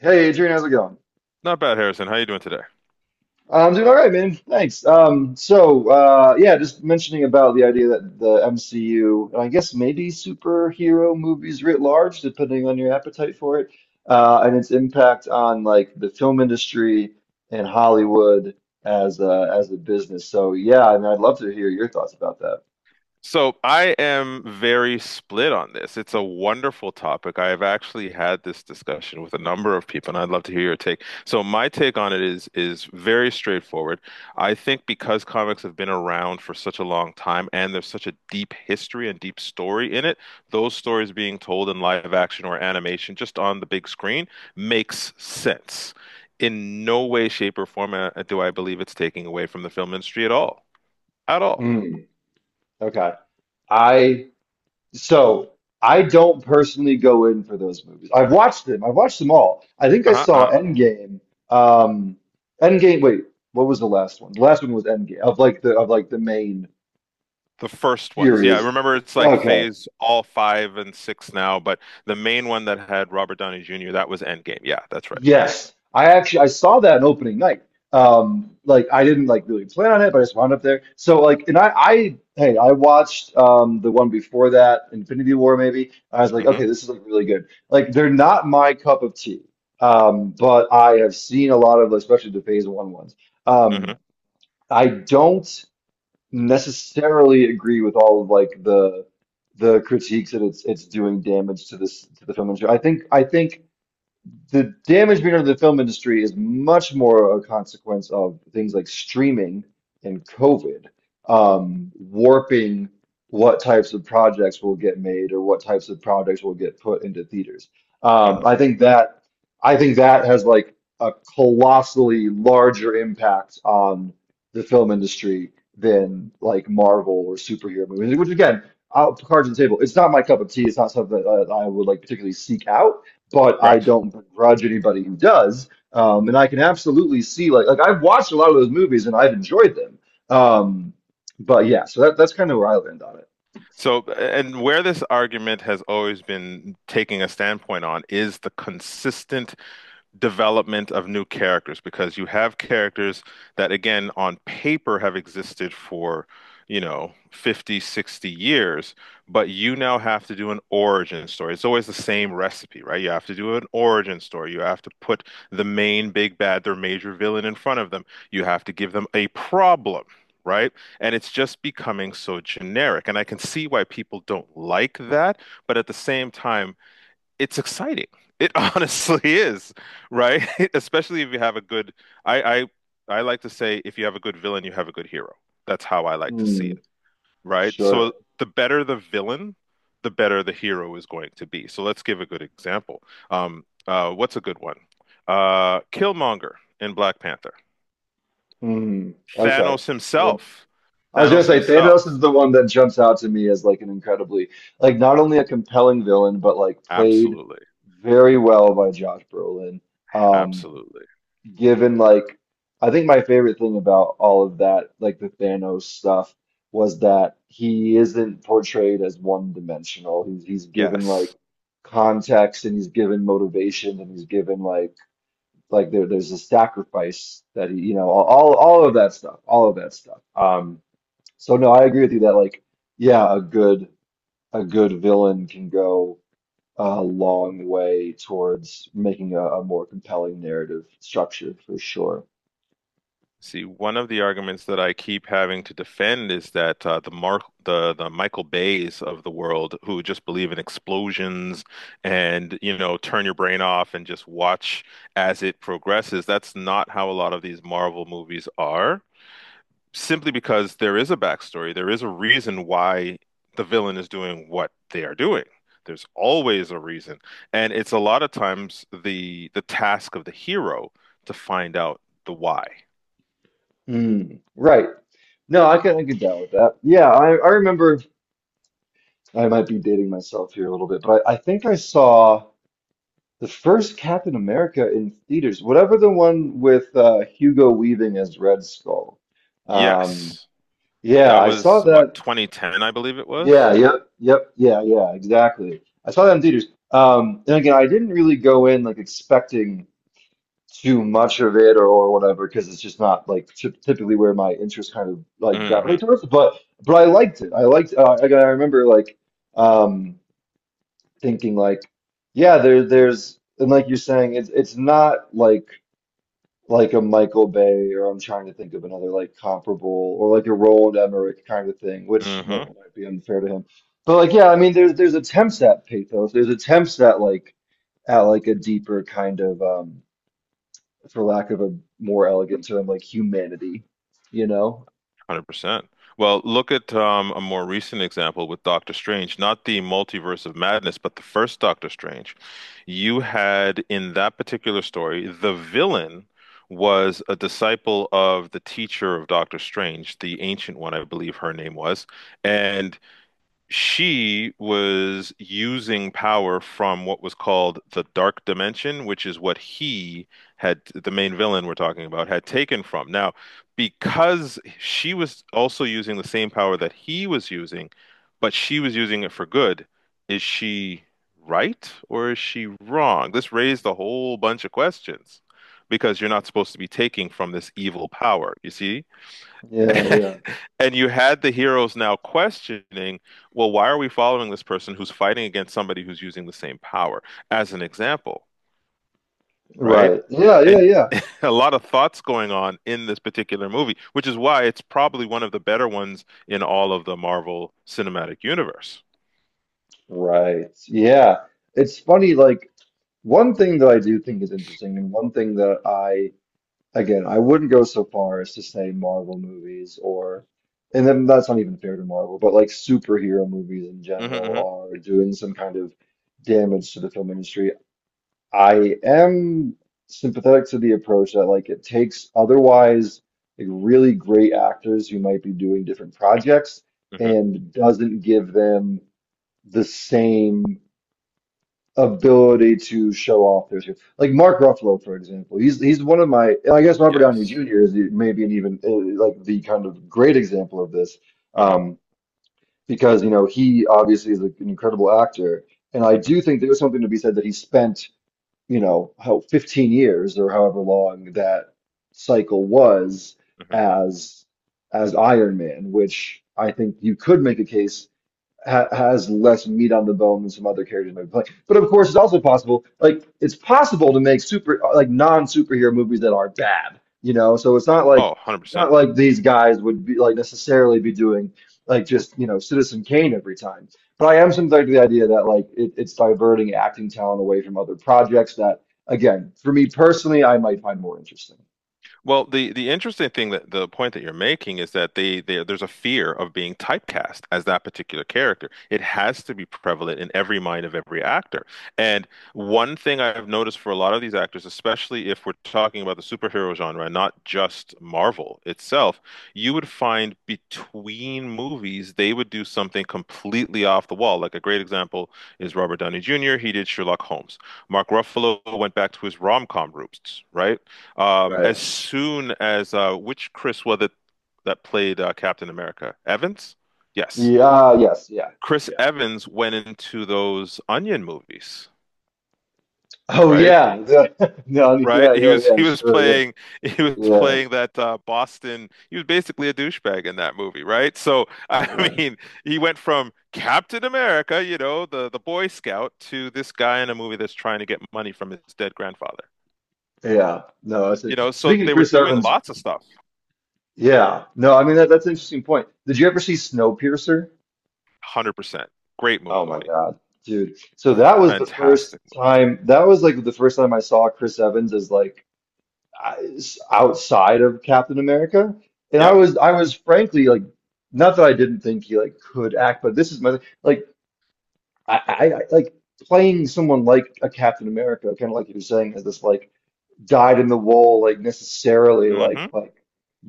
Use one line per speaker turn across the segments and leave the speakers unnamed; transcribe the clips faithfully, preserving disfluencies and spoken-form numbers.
Hey Adrian, how's it going?
Not bad, Harrison. How you doing today?
I'm doing all right, man. Thanks. Um, so uh, yeah, just mentioning about the idea that the M C U, and I guess maybe superhero movies writ large, depending on your appetite for it, uh, and its impact on like the film industry and Hollywood as a, as a business. So yeah, I mean, I'd love to hear your thoughts about that.
So I am very split on this. It's a wonderful topic. I have actually had this discussion with a number of people, and I'd love to hear your take. So my take on it is is very straightforward. I think because comics have been around for such a long time and there's such a deep history and deep story in it, those stories being told in live action or animation just on the big screen makes sense. In no way, shape, or form uh, do I believe it's taking away from the film industry at all. At all.
Hmm. Okay. I So I don't personally go in for those movies. I've watched them. I've watched them all. I think I
Uh-huh,
saw
uh-huh.
Endgame. Um, Endgame. Wait, what was the last one? The last one was Endgame of like the of like the main
The first ones. Yeah, I
series.
remember it's like
Okay.
phase all five and six now, but the main one that had Robert Downey Junior, that was Endgame. Yeah, that's right.
Yes, I actually I saw that in opening night. Um, like I didn't like really plan on it, but I just wound up there. So like, and I, I hey, I watched um the one before that, Infinity War maybe. I was like,
Mm-hmm,
okay, this is like really good. Like they're not my cup of tea. Um, but I have seen a lot of, especially the Phase One ones.
mm-hmm,
Um, I don't necessarily agree with all of like the the critiques that it's it's doing damage to this to the film industry. I think I think the damage being done to the film industry is much more a consequence of things like streaming and COVID, um, warping what types of projects will get made or what types of projects will get put into theaters. Um,
mm-hmm.
I think that I think that has like a colossally larger impact on the film industry than like Marvel or superhero movies, which again, out cards on the table. It's not my cup of tea. It's not something that I I would like particularly seek out but I
Right.
don't begrudge anybody who does. Um, and I can absolutely see like like I've watched a lot of those movies and I've enjoyed them. Um, but yeah, so that that's kind of where I land on it.
So, and where this argument has always been taking a standpoint on is the consistent development of new characters because you have characters that, again, on paper have existed for, you know, fifty, sixty years, but you now have to do an origin story. It's always the same recipe, right? You have to do an origin story. You have to put the main big bad, their major villain in front of them. You have to give them a problem, right? And it's just becoming so generic. And I can see why people don't like that, but at the same time, it's exciting. It honestly is, right? Especially if you have a good, I, I, I like to say, if you have a good villain, you have a good hero. That's how I like to see
Hmm.
it, right? So
Sure.
the better the villain, the better the hero is going to be. So let's give a good example. Um, uh, what's a good one? Uh, Killmonger in Black Panther.
Hmm. Okay.
Thanos
Sure.
himself.
I was gonna
Thanos
say
himself.
Thanos is the one that jumps out to me as like an incredibly like not only a compelling villain but like played
Absolutely.
very well by Josh Brolin. Um,
Absolutely.
Given like I think my favorite thing about all of that, like the Thanos stuff, was that he isn't portrayed as one-dimensional. He's he's given like
Yes.
context and he's given motivation and he's given like like there there's a sacrifice that he you know all all all of that stuff, all of that stuff. Um, so no, I agree with you that like yeah, a good a good villain can go a long way towards making a, a more compelling narrative structure for sure.
See, one of the arguments that I keep having to defend is that uh, the Mark, the the Michael Bays of the world, who just believe in explosions and you know turn your brain off and just watch as it progresses, that's not how a lot of these Marvel movies are. Simply because there is a backstory, there is a reason why the villain is doing what they are doing. There's always a reason, and it's a lot of times the the task of the hero to find out the why.
Mm, right. No, I can I can down with that. Yeah, I, I remember I might be dating myself here a little bit, but I, I think I saw the first Captain America in theaters, whatever the one with uh, Hugo Weaving as Red Skull. Um,
Yes.
yeah,
That
I saw
was what,
that.
twenty ten, I believe it was?
Yeah, yep, yep, yeah, yeah, exactly. I saw that in theaters. Um, and again, I didn't really go in like expecting too much of it or, or whatever because it's just not like typ- typically where my interests kind of like gravitate
Hmm,
towards but but I liked it I liked uh, like I remember like um thinking like yeah there there's and like you're saying it's it's not like like a Michael Bay or I'm trying to think of another like comparable or like a Roland Emmerich kind of thing which may,
hmm.
might be unfair to him but like yeah I mean there's there's attempts at pathos there's attempts at like at like a deeper kind of um for lack of a more elegant term, like humanity, you know?
one hundred percent. Well, look at um, a more recent example with Doctor Strange, not the Multiverse of Madness, but the first Doctor Strange. You had in that particular story, the villain was a disciple of the teacher of Doctor Strange, the Ancient One, I believe her name was. And she was using power from what was called the Dark Dimension, which is what he had, the main villain we're talking about, had taken from. Now, because she was also using the same power that he was using, but she was using it for good, is she right or is she wrong? This raised a whole bunch of questions because you're not supposed to be taking from this evil power, you see?
Yeah, yeah.
And you had the heroes now questioning, well, why are we following this person who's fighting against somebody who's using the same power, as an example, right?
Right. Yeah, yeah,
And
yeah.
a lot of thoughts going on in this particular movie, which is why it's probably one of the better ones in all of the Marvel Cinematic Universe.
Right. Yeah. It's funny, like one thing that I do think is interesting, and one thing that I, again, I wouldn't go so far as to say Marvel movies or, and then that's not even fair to Marvel, but like superhero movies in
Hmm, hmm,
general are doing some kind of damage to the film industry. I am sympathetic to the approach that like it takes otherwise like really great actors who might be doing different projects
hmm.
and doesn't give them the same ability to show off their skills. Like Mark Ruffalo, for example, he's he's one of my and I guess Robert Downey
Yes.
Junior is the- maybe an even uh, like the kind of great example of this
Hmm,
um, because you know he obviously is like, an incredible actor and I do
hmm,
think there's something to be said that he spent you know, how fifteen years or however long that cycle was
hmm.
as as Iron Man, which I think you could make a case ha has less meat on the bone than some other characters might be playing. But of course, it's also possible, like it's possible to make super like non-superhero movies that are bad, you know? So it's not
Oh,
like it's not
one hundred percent.
like these guys would be like necessarily be doing like just, you know, Citizen Kane every time. But I am sympathetic to the idea that like it, it's diverting acting talent away from other projects that, again, for me personally, I might find more interesting.
Well, the the interesting thing that the point that you're making is that they, they there's a fear of being typecast as that particular character. It has to be prevalent in every mind of every actor. And one thing I've noticed for a lot of these actors, especially if we're talking about the superhero genre and not just Marvel itself, you would find between movies they would do something completely off the wall. Like a great example is Robert Downey Junior He did Sherlock Holmes. Mark Ruffalo went back to his rom-com roots, right? Um,
Right.
as soon as uh, which Chris was it that played uh, Captain America? Evans? Yes.
Yeah, uh, yes, yeah,
Chris
yeah.
Evans went into those Onion movies,
Oh
right?
yeah. No,
Right?
yeah,
He
yeah,
was
yeah,
he was
sure, yeah.
playing he was
Yeah.
playing that uh, Boston. He was basically a douchebag in that movie, right? So I
Yeah,
mean, he went from Captain America, you know, the the Boy Scout, to this guy in a movie that's trying to get money from his dead grandfather.
yeah. No, I
You
said.
know, so
Speaking of
they were
Chris
doing
Evans,
lots of stuff.
yeah. No, I mean that, that's an interesting point. Did you ever see Snowpiercer?
one hundred percent. Great
Oh my
movie.
God, dude. So that was the first
Fantastic movie.
time. That was like the first time I saw Chris Evans as like I- outside of Captain America, and I
Yep.
was I was frankly like not that I didn't think he like could act, but this is my like I, I, I like playing someone like a Captain America, kind of like you're saying, as this like dyed in the wool, like necessarily like
Mm-hmm.
like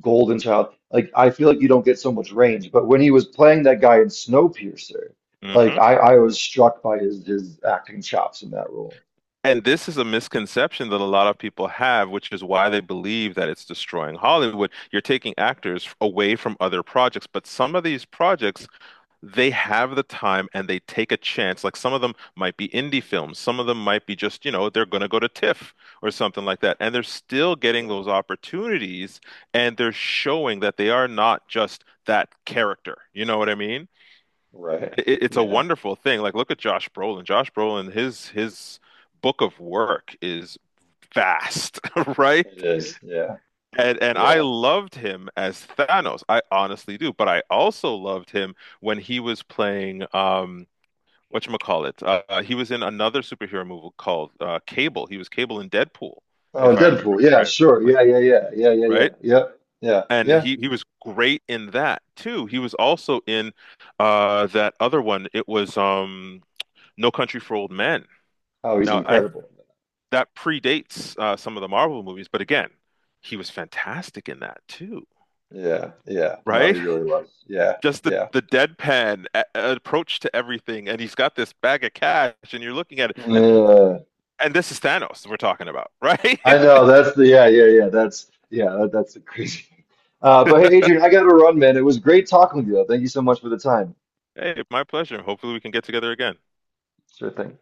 Golden Child. Like I feel like you don't get so much range, but when he was playing that guy in Snowpiercer, like
Mm-hmm.
I I was struck by his his acting chops in that role.
And this is a misconception that a lot of people have, which is why they believe that it's destroying Hollywood. You're taking actors away from other projects, but some of these projects, they have the time and they take a chance. Like some of them might be indie films, some of them might be just, you know, they're going to go to TIFF or something like that. And they're still getting
Sure.
those opportunities and they're showing that they are not just that character. You know what I mean?
Right.
It, it's a
Yeah,
wonderful thing. Like, look at Josh Brolin. Josh Brolin, his his book of work is vast, right?
it is. Yeah.
And and I
Yeah.
loved him as Thanos. I honestly do. But I also loved him when he was playing um whatchamacallit. Uh, uh, he was in another superhero movie called uh, Cable. He was Cable in Deadpool,
Oh,
if
and
I remember
Deadpool. Yeah, sure.
correctly,
Yeah, yeah, yeah. Yeah, yeah, yeah.
right?
Yep. Yeah.
And
Yeah.
he he was great in that too. He was also in uh that other one. It was um No Country for Old Men.
Oh, he's
Now, I
incredible.
that predates uh, some of the Marvel movies, but again, he was fantastic in that too,
Yeah. Yeah. No, he
right?
really was. Yeah.
Just the
Yeah.
the deadpan a approach to everything, and he's got this bag of cash, and you're looking at it, and he,
Yeah.
and this is Thanos we're talking about, right?
I know that's the yeah yeah yeah that's yeah that, that's the crazy. Uh, but hey, Adrian, I got to run, man. It was great talking with you. Thank you so much for the time.
Hey, my pleasure. Hopefully, we can get together again.
Sure thing.